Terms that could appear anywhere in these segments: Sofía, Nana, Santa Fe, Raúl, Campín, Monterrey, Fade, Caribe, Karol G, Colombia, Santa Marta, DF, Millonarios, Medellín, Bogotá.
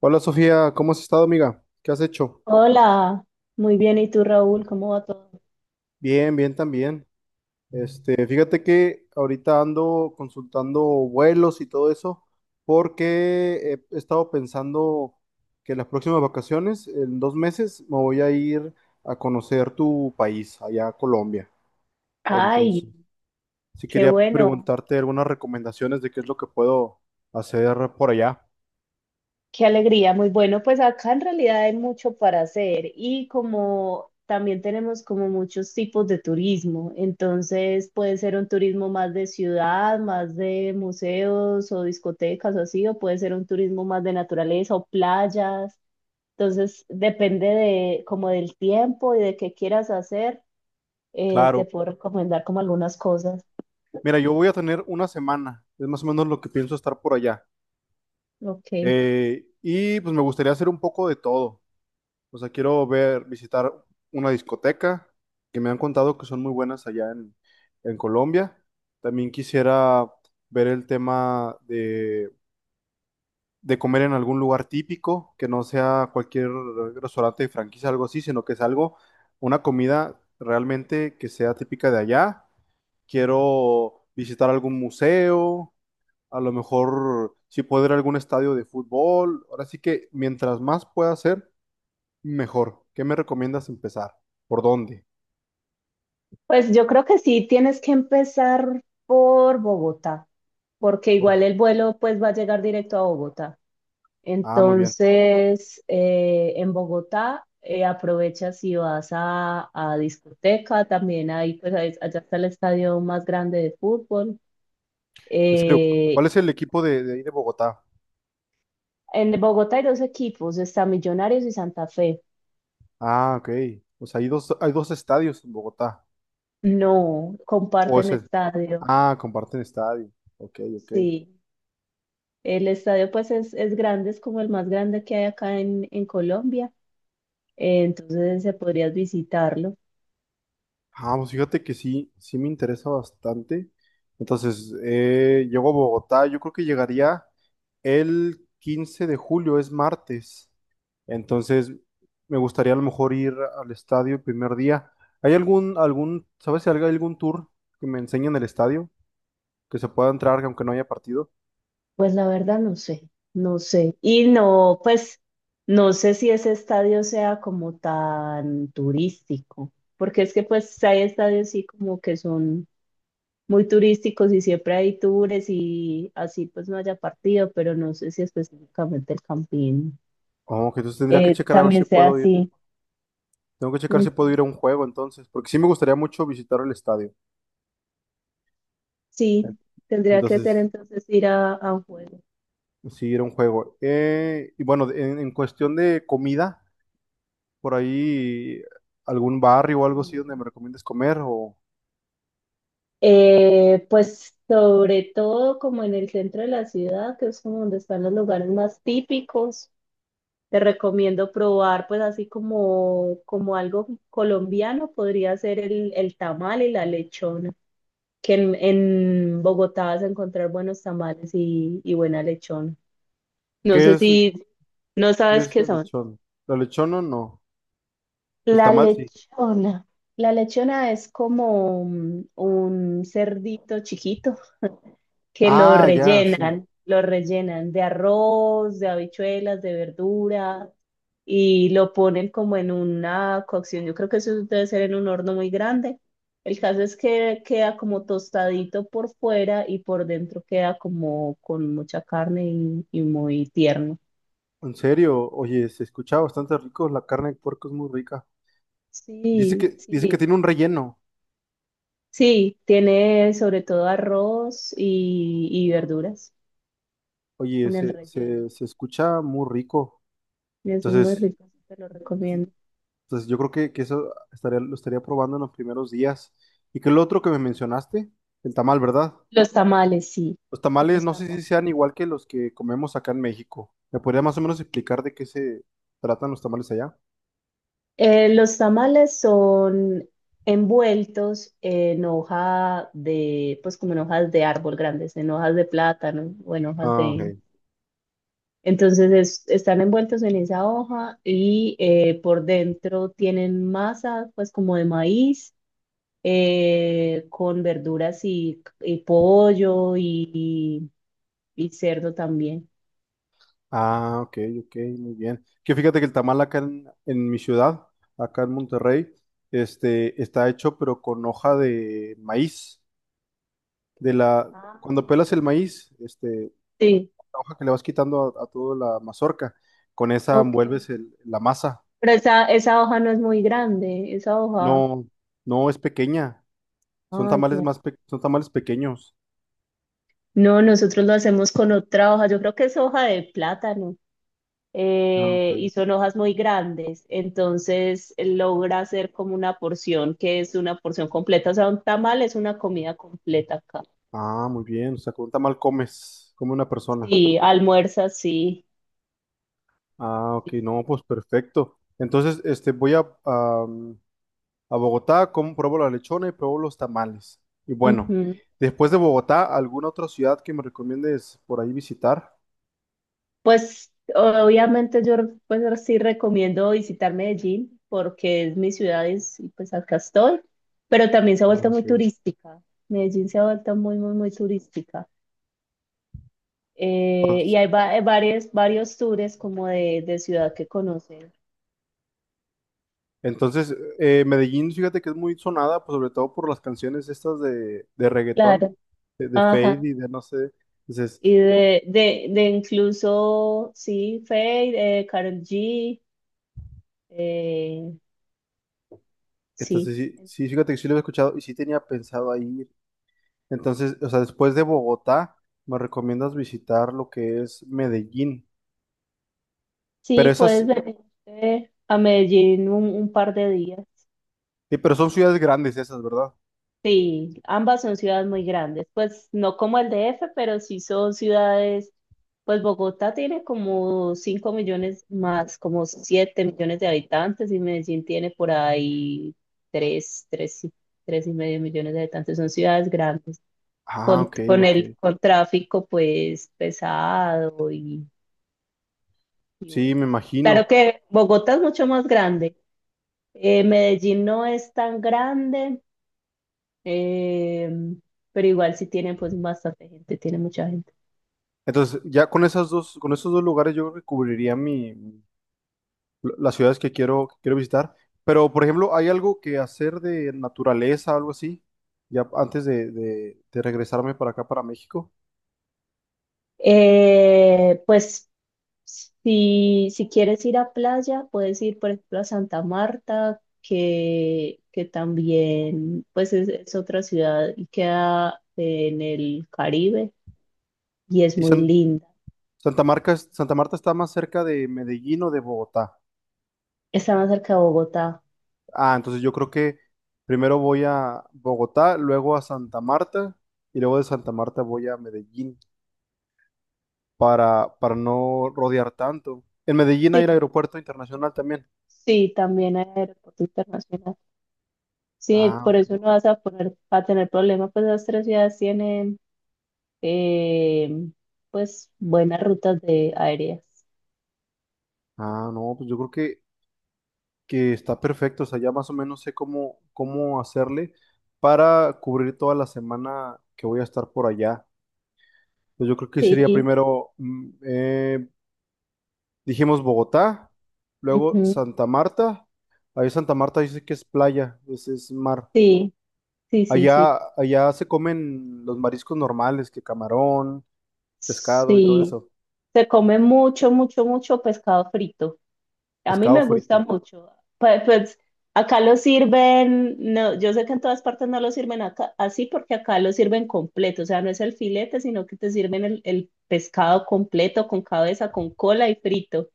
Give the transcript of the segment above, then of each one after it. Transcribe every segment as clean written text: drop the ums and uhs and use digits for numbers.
Hola Sofía, ¿cómo has estado, amiga? ¿Qué has hecho? Hola, muy bien. ¿Y tú, Raúl? ¿Cómo va todo? Bien, bien también. Fíjate que ahorita ando consultando vuelos y todo eso porque he estado pensando que las próximas vacaciones, en 2 meses, me voy a ir a conocer tu país, allá a Colombia. Ay, Entonces, sí qué quería bueno, preguntarte algunas recomendaciones de qué es lo que puedo hacer por allá. qué alegría, muy bueno. Pues acá en realidad hay mucho para hacer y como también tenemos como muchos tipos de turismo, entonces puede ser un turismo más de ciudad, más de museos o discotecas o así, o puede ser un turismo más de naturaleza o playas. Entonces depende de como del tiempo y de qué quieras hacer, te Claro. puedo recomendar como algunas cosas. Mira, yo voy a tener una semana, es más o menos lo que pienso estar por allá. Ok. Y pues me gustaría hacer un poco de todo. O sea, quiero ver, visitar una discoteca, que me han contado que son muy buenas allá en Colombia. También quisiera ver el tema de comer en algún lugar típico, que no sea cualquier restaurante de franquicia, algo así, sino que es algo, una comida realmente que sea típica de allá. Quiero visitar algún museo, a lo mejor sí puedo ir a algún estadio de fútbol. Ahora sí que mientras más pueda hacer, mejor. ¿Qué me recomiendas empezar? ¿Por dónde? Pues yo creo que sí, tienes que empezar por Bogotá, porque Por... igual el vuelo pues va a llegar directo a Bogotá. Ah, muy bien. Entonces, en Bogotá aprovechas y vas a discoteca, también ahí allá está el estadio más grande de fútbol. En serio, Eh, ¿cuál es el equipo de ahí de Bogotá? en Bogotá hay dos equipos, está Millonarios y Santa Fe. Ah, ok. Pues hay dos estadios en Bogotá. No, O es comparten el... estadio, Ah, comparten estadio. Ok, ok. sí. El estadio pues es grande, es como el más grande que hay acá en Colombia. Entonces se podrías visitarlo. Ah, pues fíjate que sí, sí me interesa bastante. Entonces, llego a Bogotá, yo creo que llegaría el 15 de julio, es martes. Entonces, me gustaría a lo mejor ir al estadio el primer día. ¿Hay sabes si hay algún tour que me enseñen el estadio? Que se pueda entrar aunque no haya partido. Pues la verdad no sé, no sé. Y no, pues no sé si ese estadio sea como tan turístico, porque es que pues hay estadios sí como que son muy turísticos y siempre hay tours y así pues no haya partido, pero no sé si específicamente el Campín Oh, que entonces tendría que checar a ver si también sea puedo ir. así. Tengo que checar si puedo Ujú. ir a un juego entonces, porque sí me gustaría mucho visitar el estadio. Sí, tendría que ser Entonces, entonces ir a un juego. sí, era un juego. Y bueno, en cuestión de comida, por ahí algún barrio o algo así donde me recomiendes comer o Pues sobre todo como en el centro de la ciudad, que es como donde están los lugares más típicos, te recomiendo probar pues así como, como algo colombiano, podría ser el tamal y la lechona, que en Bogotá vas a encontrar buenos tamales y buena lechona. No ¿qué sé es, si no ¿qué sabes es qué la son. lechón? ¿La lechona no? El La tamal sí. lechona. La lechona es como un cerdito chiquito, que Ah, ya, sí. Lo rellenan de arroz, de habichuelas, de verdura y lo ponen como en una cocción. Yo creo que eso debe ser en un horno muy grande. El caso es que queda como tostadito por fuera y por dentro queda como con mucha carne y muy tierno. En serio, oye, se escucha bastante rico, la carne de puerco es muy rica. Sí, Dice que sí, tiene un relleno. sí, tiene sobre todo arroz y verduras Oye, con el relleno. Se escucha muy rico. Y eso es muy Entonces, rico, te lo recomiendo. entonces yo creo que eso estaría, lo estaría probando en los primeros días. ¿Y qué es lo otro que me mencionaste? El tamal, ¿verdad? Los tamales, sí, Los tamales los no sé si tamales. sean igual que los que comemos acá en México. ¿Me podría más o menos explicar de qué se tratan los tamales allá? Los tamales son envueltos en hoja de, pues como en hojas de árbol grandes, en hojas de plátano o en hojas Ah, ok. de... Entonces están envueltos en esa hoja y por dentro tienen masa, pues como de maíz, con verduras y pollo y cerdo también. Ah, ok, ok, muy bien. Que fíjate que el tamal acá en mi ciudad, acá en Monterrey, está hecho pero con hoja de maíz. De la, Ah, cuando pelas el ya. maíz, este, Sí, la hoja que le vas quitando a toda la mazorca, con esa ok. envuelves la masa. Pero esa hoja no es muy grande, esa hoja. No, no es pequeña. Son Ah, tamales ya. más, son tamales pequeños. No, nosotros lo hacemos con otra hoja. Yo creo que es hoja de plátano, Ah, ok. Y son hojas muy grandes. Entonces logra hacer como una porción que es una porción completa. O sea, un tamal es una comida completa acá. Ah, muy bien. O sea, con un tamal comes, come una persona. Sí, almuerza, sí. Ah, ok, Sí, no, sí. pues perfecto. Entonces, voy a Bogotá, como pruebo la lechona y pruebo los tamales. Y bueno, Ujú. después de Bueno. Bogotá, ¿alguna otra ciudad que me recomiendes por ahí visitar? Pues obviamente yo pues sí recomiendo visitar Medellín porque es mi ciudad y, pues acá estoy, pero también se ha Ah, vuelto muy ok. turística. Medellín se ha vuelto muy, muy, muy turística. Y Pues, varios, varios tours como de ciudad que conocer. entonces, Medellín, fíjate que es muy sonada, pues sobre todo por las canciones estas de reggaetón, Claro. De Fade Ajá. y de no sé. Entonces, Y de incluso, sí, Fade, Karol G, eh, sí. entonces sí, sí, fíjate que sí lo he escuchado y sí tenía pensado ahí. Entonces, o sea, después de Bogotá, me recomiendas visitar lo que es Medellín. Pero Sí, esas, puedes venir a Medellín un par de días. sí, pero son ciudades grandes esas, ¿verdad? Sí, ambas son ciudades muy grandes, pues no como el DF, pero sí son ciudades, pues Bogotá tiene como 5 millones más, como 7 millones de habitantes y Medellín tiene por ahí 3, tres y medio millones de habitantes, son ciudades grandes, Ah, ok, con ok. el con tráfico pues pesado y Sí, bueno. me Claro imagino. que Bogotá es mucho más grande, Medellín no es tan grande. Eh, pero igual si tienen pues bastante gente, tiene mucha gente. Entonces, ya con esas dos, con esos dos lugares yo creo que cubriría mi, las ciudades que quiero visitar. Pero, por ejemplo, ¿hay algo que hacer de naturaleza, algo así? Ya antes de regresarme para acá, para México. Pues si, si quieres ir a playa, puedes ir por ejemplo a Santa Marta, que también pues es otra ciudad y queda en el Caribe y es ¿Y muy linda. Santa Marta, Santa Marta está más cerca de Medellín o de Bogotá? Está más cerca de Bogotá. Ah, entonces yo creo que primero voy a Bogotá, luego a Santa Marta y luego de Santa Marta voy a Medellín para no rodear tanto. En Medellín hay Sí, el aeropuerto internacional también. sí, también hay aeropuerto internacional. Sí, Ah, por ok. eso no vas a poner, a tener problemas, pues las tres ciudades tienen eh, pues buenas rutas de aéreas. Ah, no, pues yo creo que está perfecto. O sea, ya más o menos sé cómo, cómo hacerle para cubrir toda la semana que voy a estar por allá. Pues yo creo que sería Sí, primero dijimos Bogotá, luego ujú, Santa Marta. Ahí Santa Marta dice que es playa, es mar. sí, sí, sí, sí. Allá, allá se comen los mariscos normales, que camarón, pescado y todo Sí, eso. se come mucho, mucho, mucho pescado frito. A mí Pescado me gusta frito. mucho. Pues, pues acá lo sirven, no, yo sé que en todas partes no lo sirven acá, así porque acá lo sirven completo, o sea, no es el filete, sino que te sirven el pescado completo, con cabeza, con cola y frito.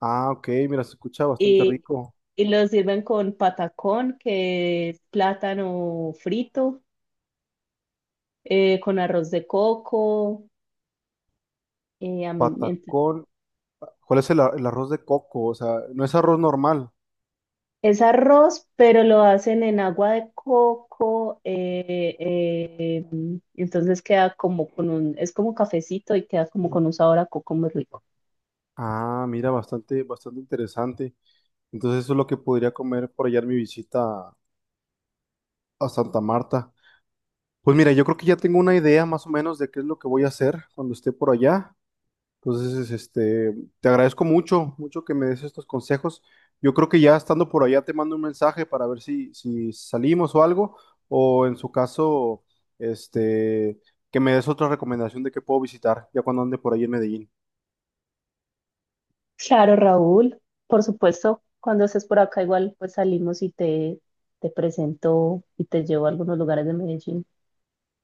Ah, ok, mira, se escucha bastante Y, rico. y lo sirven con patacón, que es plátano frito, con arroz de coco. eh, a mí ent- Patacón. ¿Cuál es el arroz de coco? O sea, no es arroz normal. es arroz, pero lo hacen en agua de coco. Entonces queda como con un, es como cafecito y queda como con un sabor a coco muy rico. Ah, mira, bastante, bastante interesante. Entonces eso es lo que podría comer por allá en mi visita a Santa Marta. Pues mira, yo creo que ya tengo una idea más o menos de qué es lo que voy a hacer cuando esté por allá. Entonces, te agradezco mucho, mucho que me des estos consejos. Yo creo que ya estando por allá te mando un mensaje para ver si salimos o algo, o en su caso, este, que me des otra recomendación de qué puedo visitar ya cuando ande por ahí en Medellín. Claro, Raúl, por supuesto, cuando estés por acá igual pues salimos y te presento y te llevo a algunos lugares de Medellín.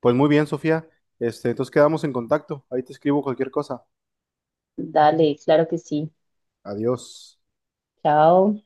Pues muy bien, Sofía. Entonces quedamos en contacto. Ahí te escribo cualquier cosa. Dale, claro que sí. Adiós. Chao.